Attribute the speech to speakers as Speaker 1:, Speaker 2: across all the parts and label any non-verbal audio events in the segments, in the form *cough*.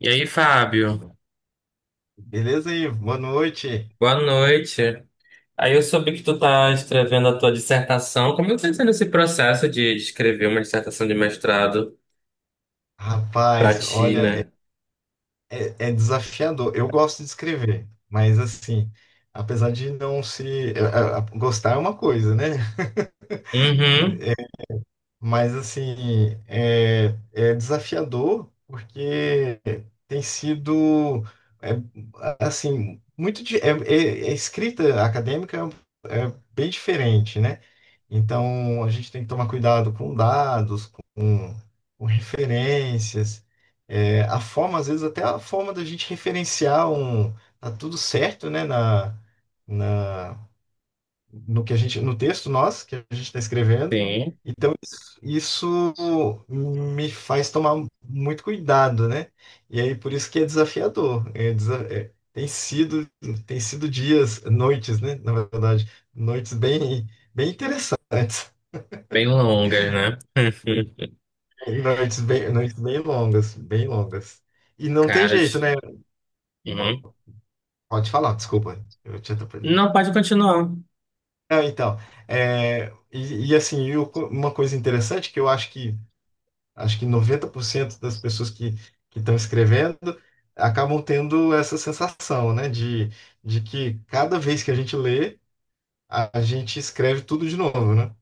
Speaker 1: E aí, Fábio?
Speaker 2: Beleza aí? Boa noite.
Speaker 1: Boa noite. Aí eu soube que tu tá escrevendo a tua dissertação. Como é que tá sendo esse processo de escrever uma dissertação de mestrado pra
Speaker 2: Rapaz,
Speaker 1: ti,
Speaker 2: olha, é,
Speaker 1: né?
Speaker 2: é- é desafiador. Eu gosto de escrever, mas assim, apesar de não se. Gostar é uma coisa, né?
Speaker 1: Uhum.
Speaker 2: *laughs* Mas assim, é desafiador porque tem sido é, assim muito é escrita acadêmica é bem diferente, né? Então a gente tem que tomar cuidado com dados, com referências, é, a forma às vezes até a forma da gente referenciar um tá tudo certo, né? Na, na no que a gente, no texto nosso que a gente está escrevendo.
Speaker 1: Sim.
Speaker 2: Então isso me faz tomar muito cuidado, né? E aí por isso que é desafiador. Tem sido, tem sido dias, noites, né? Na verdade, noites bem, bem interessantes,
Speaker 1: Bem longas, né? *laughs*
Speaker 2: *laughs* noites bem longas, bem longas. E não tem
Speaker 1: Cara,
Speaker 2: jeito, né?
Speaker 1: uhum.
Speaker 2: Po- Pode falar, desculpa, eu te atrapalhei.
Speaker 1: Não, pode continuar.
Speaker 2: Não, então, é, assim, uma coisa interessante que eu acho que 90% das pessoas que estão escrevendo acabam tendo essa sensação, né, de que cada vez que a gente lê, a gente escreve tudo de novo, né?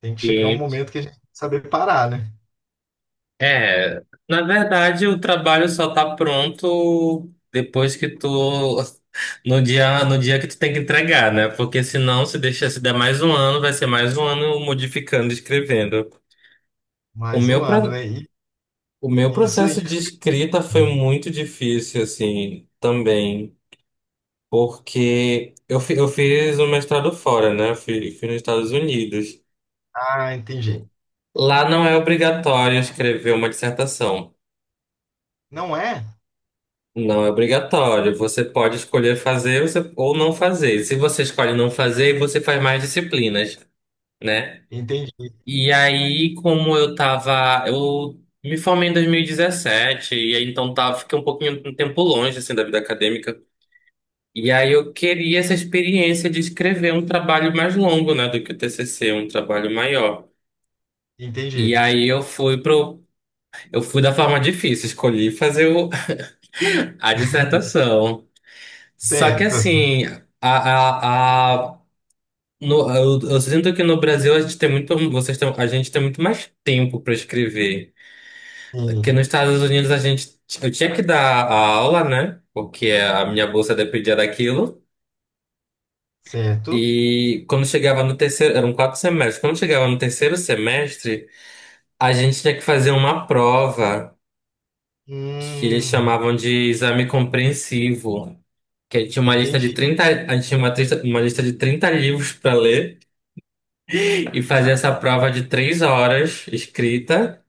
Speaker 2: Tem que chegar um momento que a gente tem que saber parar, né?
Speaker 1: É, na verdade, o trabalho só tá pronto depois que tu no dia que tu tem que entregar, né? Porque senão se deixar se der mais um ano, vai ser mais um ano modificando, escrevendo. O
Speaker 2: Mais um
Speaker 1: meu
Speaker 2: ano,
Speaker 1: pra-
Speaker 2: né?
Speaker 1: o meu
Speaker 2: E isso é
Speaker 1: processo
Speaker 2: isso.
Speaker 1: de escrita foi muito difícil assim, também, porque eu fiz o mestrado fora, né? Eu fiz nos Estados Unidos.
Speaker 2: Ah, entendi.
Speaker 1: Lá não é obrigatório escrever uma dissertação.
Speaker 2: Não é?
Speaker 1: Não é obrigatório. Você pode escolher fazer ou não fazer. Se você escolhe não fazer, você faz mais disciplinas, né?
Speaker 2: Entendi,
Speaker 1: E aí, como eu tava, eu me formei em 2017 e 17, e aí então tava, fiquei um pouquinho um tempo longe assim da vida acadêmica. E aí eu queria essa experiência de escrever um trabalho mais longo, né, do que o TCC, um trabalho maior. E
Speaker 2: entendi.
Speaker 1: aí eu fui da forma difícil, escolhi fazer *laughs* a dissertação. Só que
Speaker 2: Certo.
Speaker 1: assim, a, a, a, no, eu sinto que no Brasil a gente tem muito, vocês têm, a gente tem muito mais tempo para escrever. Que nos
Speaker 2: Sim,
Speaker 1: Estados Unidos eu tinha que dar a aula, né? Porque a minha bolsa dependia daquilo.
Speaker 2: certo.
Speaker 1: E quando chegava no terceiro, eram 4 semestres. Quando chegava no terceiro semestre, a gente tinha que fazer uma prova que eles
Speaker 2: Hum,
Speaker 1: chamavam de exame compreensivo. Que tinha uma lista de
Speaker 2: entendi.
Speaker 1: 30 a gente tinha uma lista de 30 livros para ler. E fazer
Speaker 2: Cara-
Speaker 1: essa prova de 3 horas escrita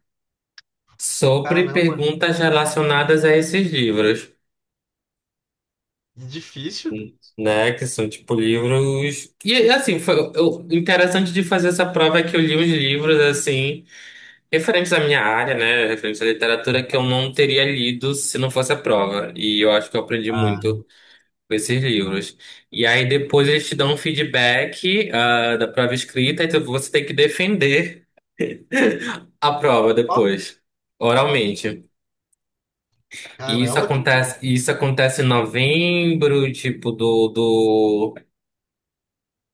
Speaker 1: sobre
Speaker 2: Caramba,
Speaker 1: perguntas relacionadas a esses livros,
Speaker 2: que difícil.
Speaker 1: né? Que são tipo livros. E assim, foi o interessante de fazer essa prova é que eu li uns livros assim, referentes à minha área, né? Referentes à literatura que eu não teria lido se não fosse a prova. E eu acho que eu aprendi
Speaker 2: Ah,
Speaker 1: muito com esses livros. E aí depois eles te dão um feedback, da prova escrita, então você tem que defender a prova
Speaker 2: ó,
Speaker 1: depois, oralmente. E isso
Speaker 2: caramba, que.
Speaker 1: acontece, isso acontece em novembro, tipo,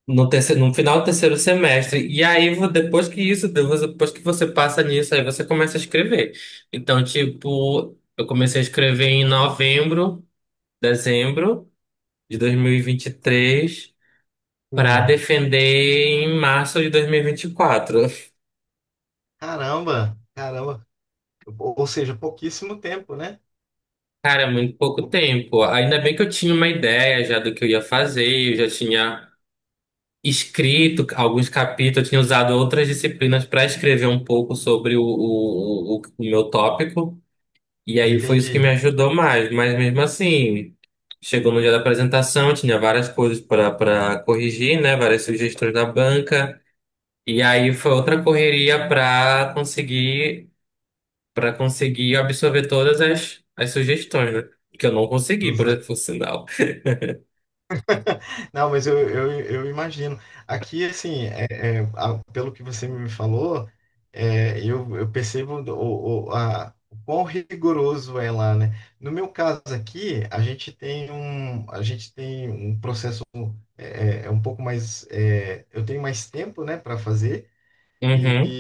Speaker 1: no terceiro, no final do terceiro semestre. E aí, depois que isso, depois que você passa nisso, aí você começa a escrever. Então, tipo, eu comecei a escrever em novembro, dezembro de 2023, para
Speaker 2: Sim.
Speaker 1: defender em março de 2024.
Speaker 2: Caramba, caramba. Ou seja, pouquíssimo tempo, né?
Speaker 1: Cara, é muito pouco tempo. Ainda bem que eu tinha uma ideia já do que eu ia fazer, eu já tinha escrito alguns capítulos, eu tinha usado outras disciplinas para escrever um pouco sobre o meu tópico, e aí foi isso que
Speaker 2: Entendi.
Speaker 1: me ajudou mais. Mas mesmo assim, chegou no dia da apresentação, tinha várias coisas para corrigir, né? Várias sugestões da banca, e aí foi outra correria para conseguir absorver todas as sugestões, né? Que eu não consegui, por sinal.
Speaker 2: Não, mas eu imagino. Aqui, assim, pelo que você me falou, é, eu percebo o quão rigoroso é lá, né? No meu caso aqui, a gente tem um processo é um pouco mais. É, eu tenho mais tempo, né, para fazer.
Speaker 1: Uhum,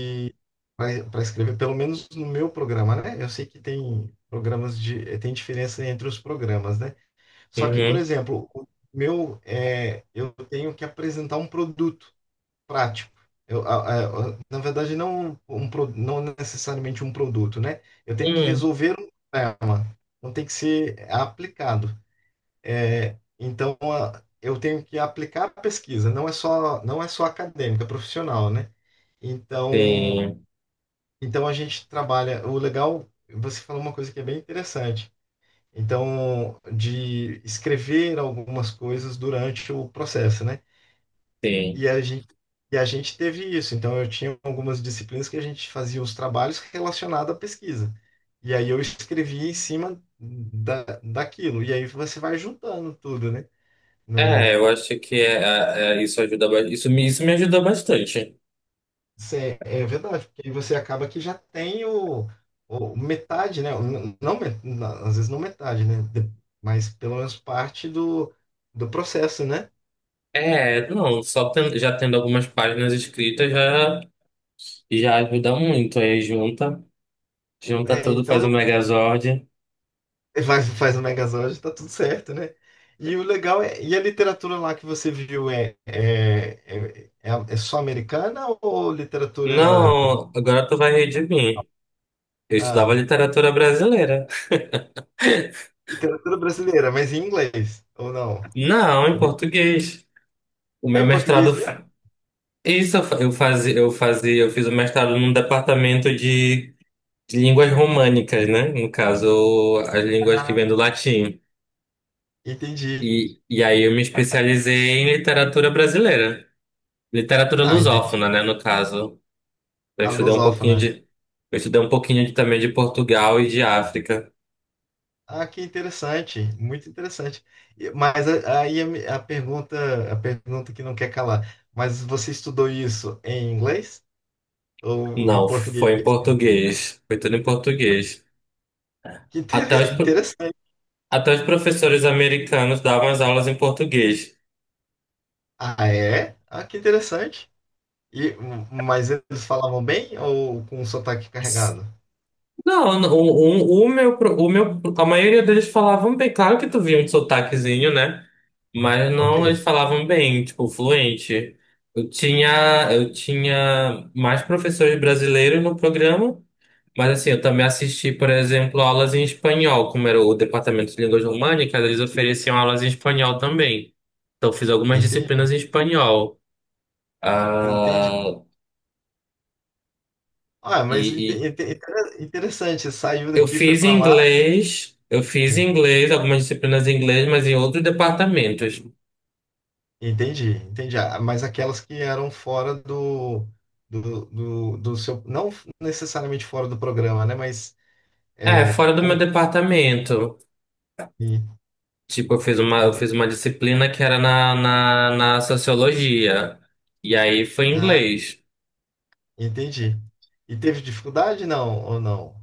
Speaker 2: Para escrever, pelo menos no meu programa, né? Eu sei que tem programas de, tem diferença entre os programas, né? Só que, por
Speaker 1: uhum,
Speaker 2: exemplo, o meu, é, eu tenho que apresentar um produto prático. Na verdade, não, não necessariamente um produto, né? Eu tenho que
Speaker 1: uhum.
Speaker 2: resolver um problema, não tem que ser aplicado. É, então, eu tenho que aplicar a pesquisa, não é só acadêmica, é profissional, né? Então,
Speaker 1: Sim,
Speaker 2: então a gente trabalha. O legal, você falou uma coisa que é bem interessante. Então, de escrever algumas coisas durante o processo, né?
Speaker 1: sim.
Speaker 2: E a gente, e a gente teve isso. Então, eu tinha algumas disciplinas que a gente fazia os trabalhos relacionados à pesquisa. E aí eu escrevia em cima daquilo. E aí você vai juntando tudo, né? No,
Speaker 1: É, eu acho que isso ajuda, isso me ajuda bastante.
Speaker 2: É verdade, porque aí você acaba que já tem o metade, né? Não, às vezes não metade, né? Mas pelo menos parte do, do processo, né?
Speaker 1: É, não, só já tendo algumas páginas escritas já ajuda muito. Aí junta, junta
Speaker 2: É,
Speaker 1: tudo,
Speaker 2: então
Speaker 1: faz o
Speaker 2: não,
Speaker 1: Megazord.
Speaker 2: *laughs* faz, faz o Megazord, tá tudo certo, né? E o legal é, e a literatura lá que você viu é só americana ou literatura,
Speaker 1: Não, agora tu vai rir de mim. Eu estudava
Speaker 2: ah,
Speaker 1: literatura brasileira.
Speaker 2: literatura brasileira, mas em inglês, ou não?
Speaker 1: Não, em
Speaker 2: Ou-
Speaker 1: português. O
Speaker 2: É
Speaker 1: meu
Speaker 2: em português
Speaker 1: mestrado.
Speaker 2: mesmo?
Speaker 1: Isso eu fiz o mestrado num departamento de línguas românicas, né? No caso, as línguas que vêm do latim.
Speaker 2: Entendi.
Speaker 1: E aí eu me especializei em literatura brasileira. Literatura
Speaker 2: Ah, entendi.
Speaker 1: lusófona, né, no caso. Eu
Speaker 2: A
Speaker 1: estudei um pouquinho de,
Speaker 2: lusófona.
Speaker 1: eu estudei um pouquinho também de Portugal e de África.
Speaker 2: Ah, que interessante, muito interessante. Mas a pergunta que não quer calar. Mas você estudou isso em inglês ou em
Speaker 1: Não, foi
Speaker 2: português?
Speaker 1: em português. Foi tudo em português. Até os, pro-
Speaker 2: Interessante.
Speaker 1: Até os professores americanos davam as aulas em português.
Speaker 2: Ah, é? Ah, que interessante. E mas eles falavam bem ou com um sotaque carregado?
Speaker 1: Não, o meu, pro- o meu, a maioria deles falavam bem. Claro que tu via um sotaquezinho, né? Mas
Speaker 2: Ok,
Speaker 1: não, eles falavam bem, tipo, fluente. Eu tinha mais professores brasileiros no programa, mas assim, eu também assisti, por exemplo, aulas em espanhol, como era o departamento de línguas românicas, eles ofereciam aulas em espanhol também. Então, eu fiz algumas
Speaker 2: entendi,
Speaker 1: disciplinas em espanhol.
Speaker 2: entendi.
Speaker 1: Ah,
Speaker 2: Ah, mas
Speaker 1: e,
Speaker 2: interessante. Saiu
Speaker 1: Eu
Speaker 2: daqui, foi
Speaker 1: fiz
Speaker 2: para lá.
Speaker 1: inglês, eu fiz inglês, algumas disciplinas em inglês, mas em outros departamentos.
Speaker 2: Entendi, entendi. Ah, mas aquelas que eram fora do seu, não necessariamente fora do programa, né? Mas
Speaker 1: É,
Speaker 2: é,
Speaker 1: fora do meu
Speaker 2: como.
Speaker 1: departamento.
Speaker 2: e-
Speaker 1: Tipo, eu
Speaker 2: e-
Speaker 1: fiz uma disciplina que era na sociologia. E aí foi
Speaker 2: Ah,
Speaker 1: inglês.
Speaker 2: entendi. E teve dificuldade, não, ou não?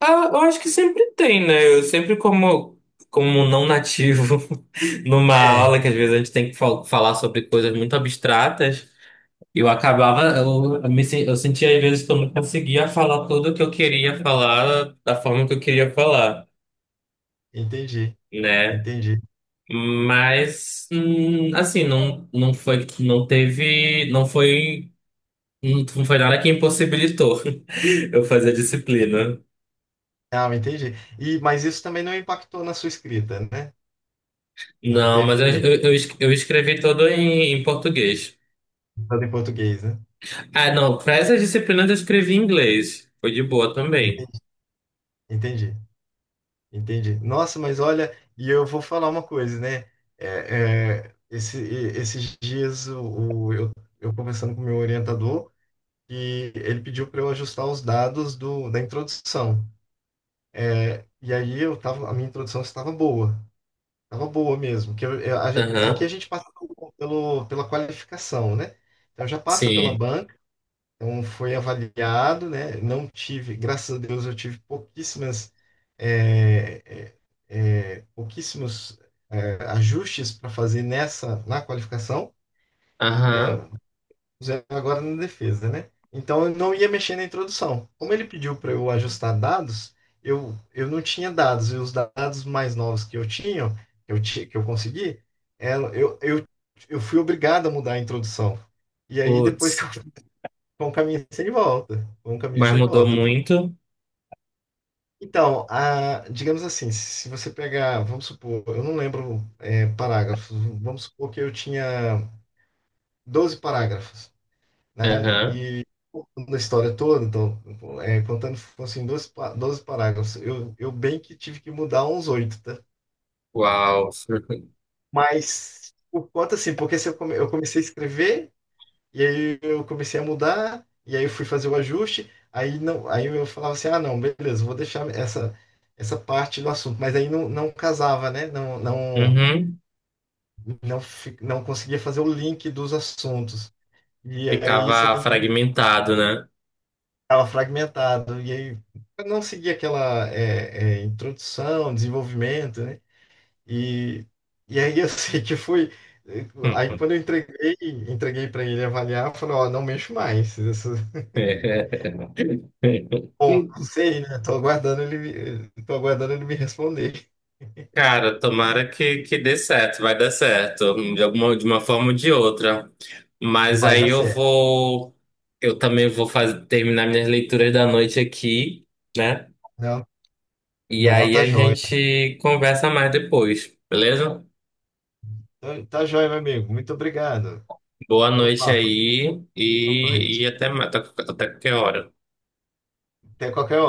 Speaker 1: Ah, eu acho que sempre tem, né? Eu sempre como não nativo *laughs* numa
Speaker 2: É,
Speaker 1: aula, que às vezes a gente tem que falar sobre coisas muito abstratas. Eu acabava, eu sentia às vezes que eu não conseguia falar tudo que eu queria falar da forma que eu queria falar,
Speaker 2: entendi,
Speaker 1: né?
Speaker 2: entendi.
Speaker 1: Mas, assim, não, não foi, não teve, não foi, não foi nada que impossibilitou *laughs* eu fazer disciplina.
Speaker 2: Ah, entendi. E, mas isso também não impactou na sua escrita, né? Não
Speaker 1: Não,
Speaker 2: teve
Speaker 1: mas eu escrevi todo em português.
Speaker 2: nada em português, né?
Speaker 1: Ah, não, para essas disciplinas eu escrevi em inglês. Foi de boa também.
Speaker 2: Enten- Entendi. Entendi. Nossa, mas olha, e eu vou falar uma coisa, né? Esses dias o- eu, eu conversando com o meu orientador e ele pediu para eu ajustar os dados da introdução. É, e aí eu tava, a minha introdução estava boa mesmo. Que aqui
Speaker 1: Aham.
Speaker 2: a gente passa pela qualificação, né? Então já passa pela
Speaker 1: Sim.
Speaker 2: banca. Então, foi avaliado, né? Não tive, graças a Deus, eu tive pouquíssimas, é, pouquíssimos, é, ajustes para fazer na qualificação, é,
Speaker 1: Aham.
Speaker 2: fizeram agora na defesa, né? Então, eu não ia mexer na introdução. Como ele pediu para eu ajustar dados, eu não tinha dados, e os dados mais novos que eu tinha, que que eu consegui, é, eu, eu, eu fui obrigado a mudar a introdução. E aí, depois *laughs* que eu
Speaker 1: Putz,
Speaker 2: foi um caminho sem volta. Foi um caminho
Speaker 1: mas
Speaker 2: sem
Speaker 1: mudou
Speaker 2: volta.
Speaker 1: muito.
Speaker 2: Então, digamos assim, se você pegar, vamos supor, eu não lembro é, parágrafos, vamos supor que eu tinha 12 parágrafos, né?
Speaker 1: Aham.
Speaker 2: E contando a história toda, então, é, contando, assim, 12 parágrafos, eu bem que tive que mudar uns 8, tá?
Speaker 1: Uau. *laughs*
Speaker 2: Mas, por conta, assim, porque se eu, eu comecei a escrever e aí eu comecei a mudar, e aí eu fui fazer o ajuste, aí não, aí eu falava assim, ah, não, beleza, vou deixar essa parte do assunto, mas aí não, não casava, né? Não,
Speaker 1: Uhum.
Speaker 2: não, não conseguia fazer o link dos assuntos. E aí você
Speaker 1: Ficava
Speaker 2: tem que
Speaker 1: fragmentado, né?
Speaker 2: ela fragmentado, e aí eu não seguia aquela introdução, desenvolvimento, né? E, e aí eu *laughs* sei que foi aí
Speaker 1: Uhum.
Speaker 2: quando eu entreguei, entreguei para ele avaliar, eu falei, ó, não mexo mais. Bom,
Speaker 1: *laughs*
Speaker 2: não sei, né? Tô aguardando ele, tô aguardando ele me responder.
Speaker 1: Cara, tomara que dê certo, vai dar certo, de uma forma ou de outra. Mas
Speaker 2: Vai
Speaker 1: aí
Speaker 2: dar certo.
Speaker 1: eu também vou fazer, terminar minhas leituras da noite aqui, né?
Speaker 2: Não,
Speaker 1: E
Speaker 2: não,
Speaker 1: aí
Speaker 2: tá
Speaker 1: a
Speaker 2: jóia.
Speaker 1: gente conversa mais depois, beleza?
Speaker 2: Tá, tá jóia, meu amigo. Muito obrigado
Speaker 1: Boa
Speaker 2: pelo
Speaker 1: noite
Speaker 2: papo.
Speaker 1: aí
Speaker 2: Boa
Speaker 1: e,
Speaker 2: noite.
Speaker 1: e até qualquer hora.
Speaker 2: Até qualquer hora.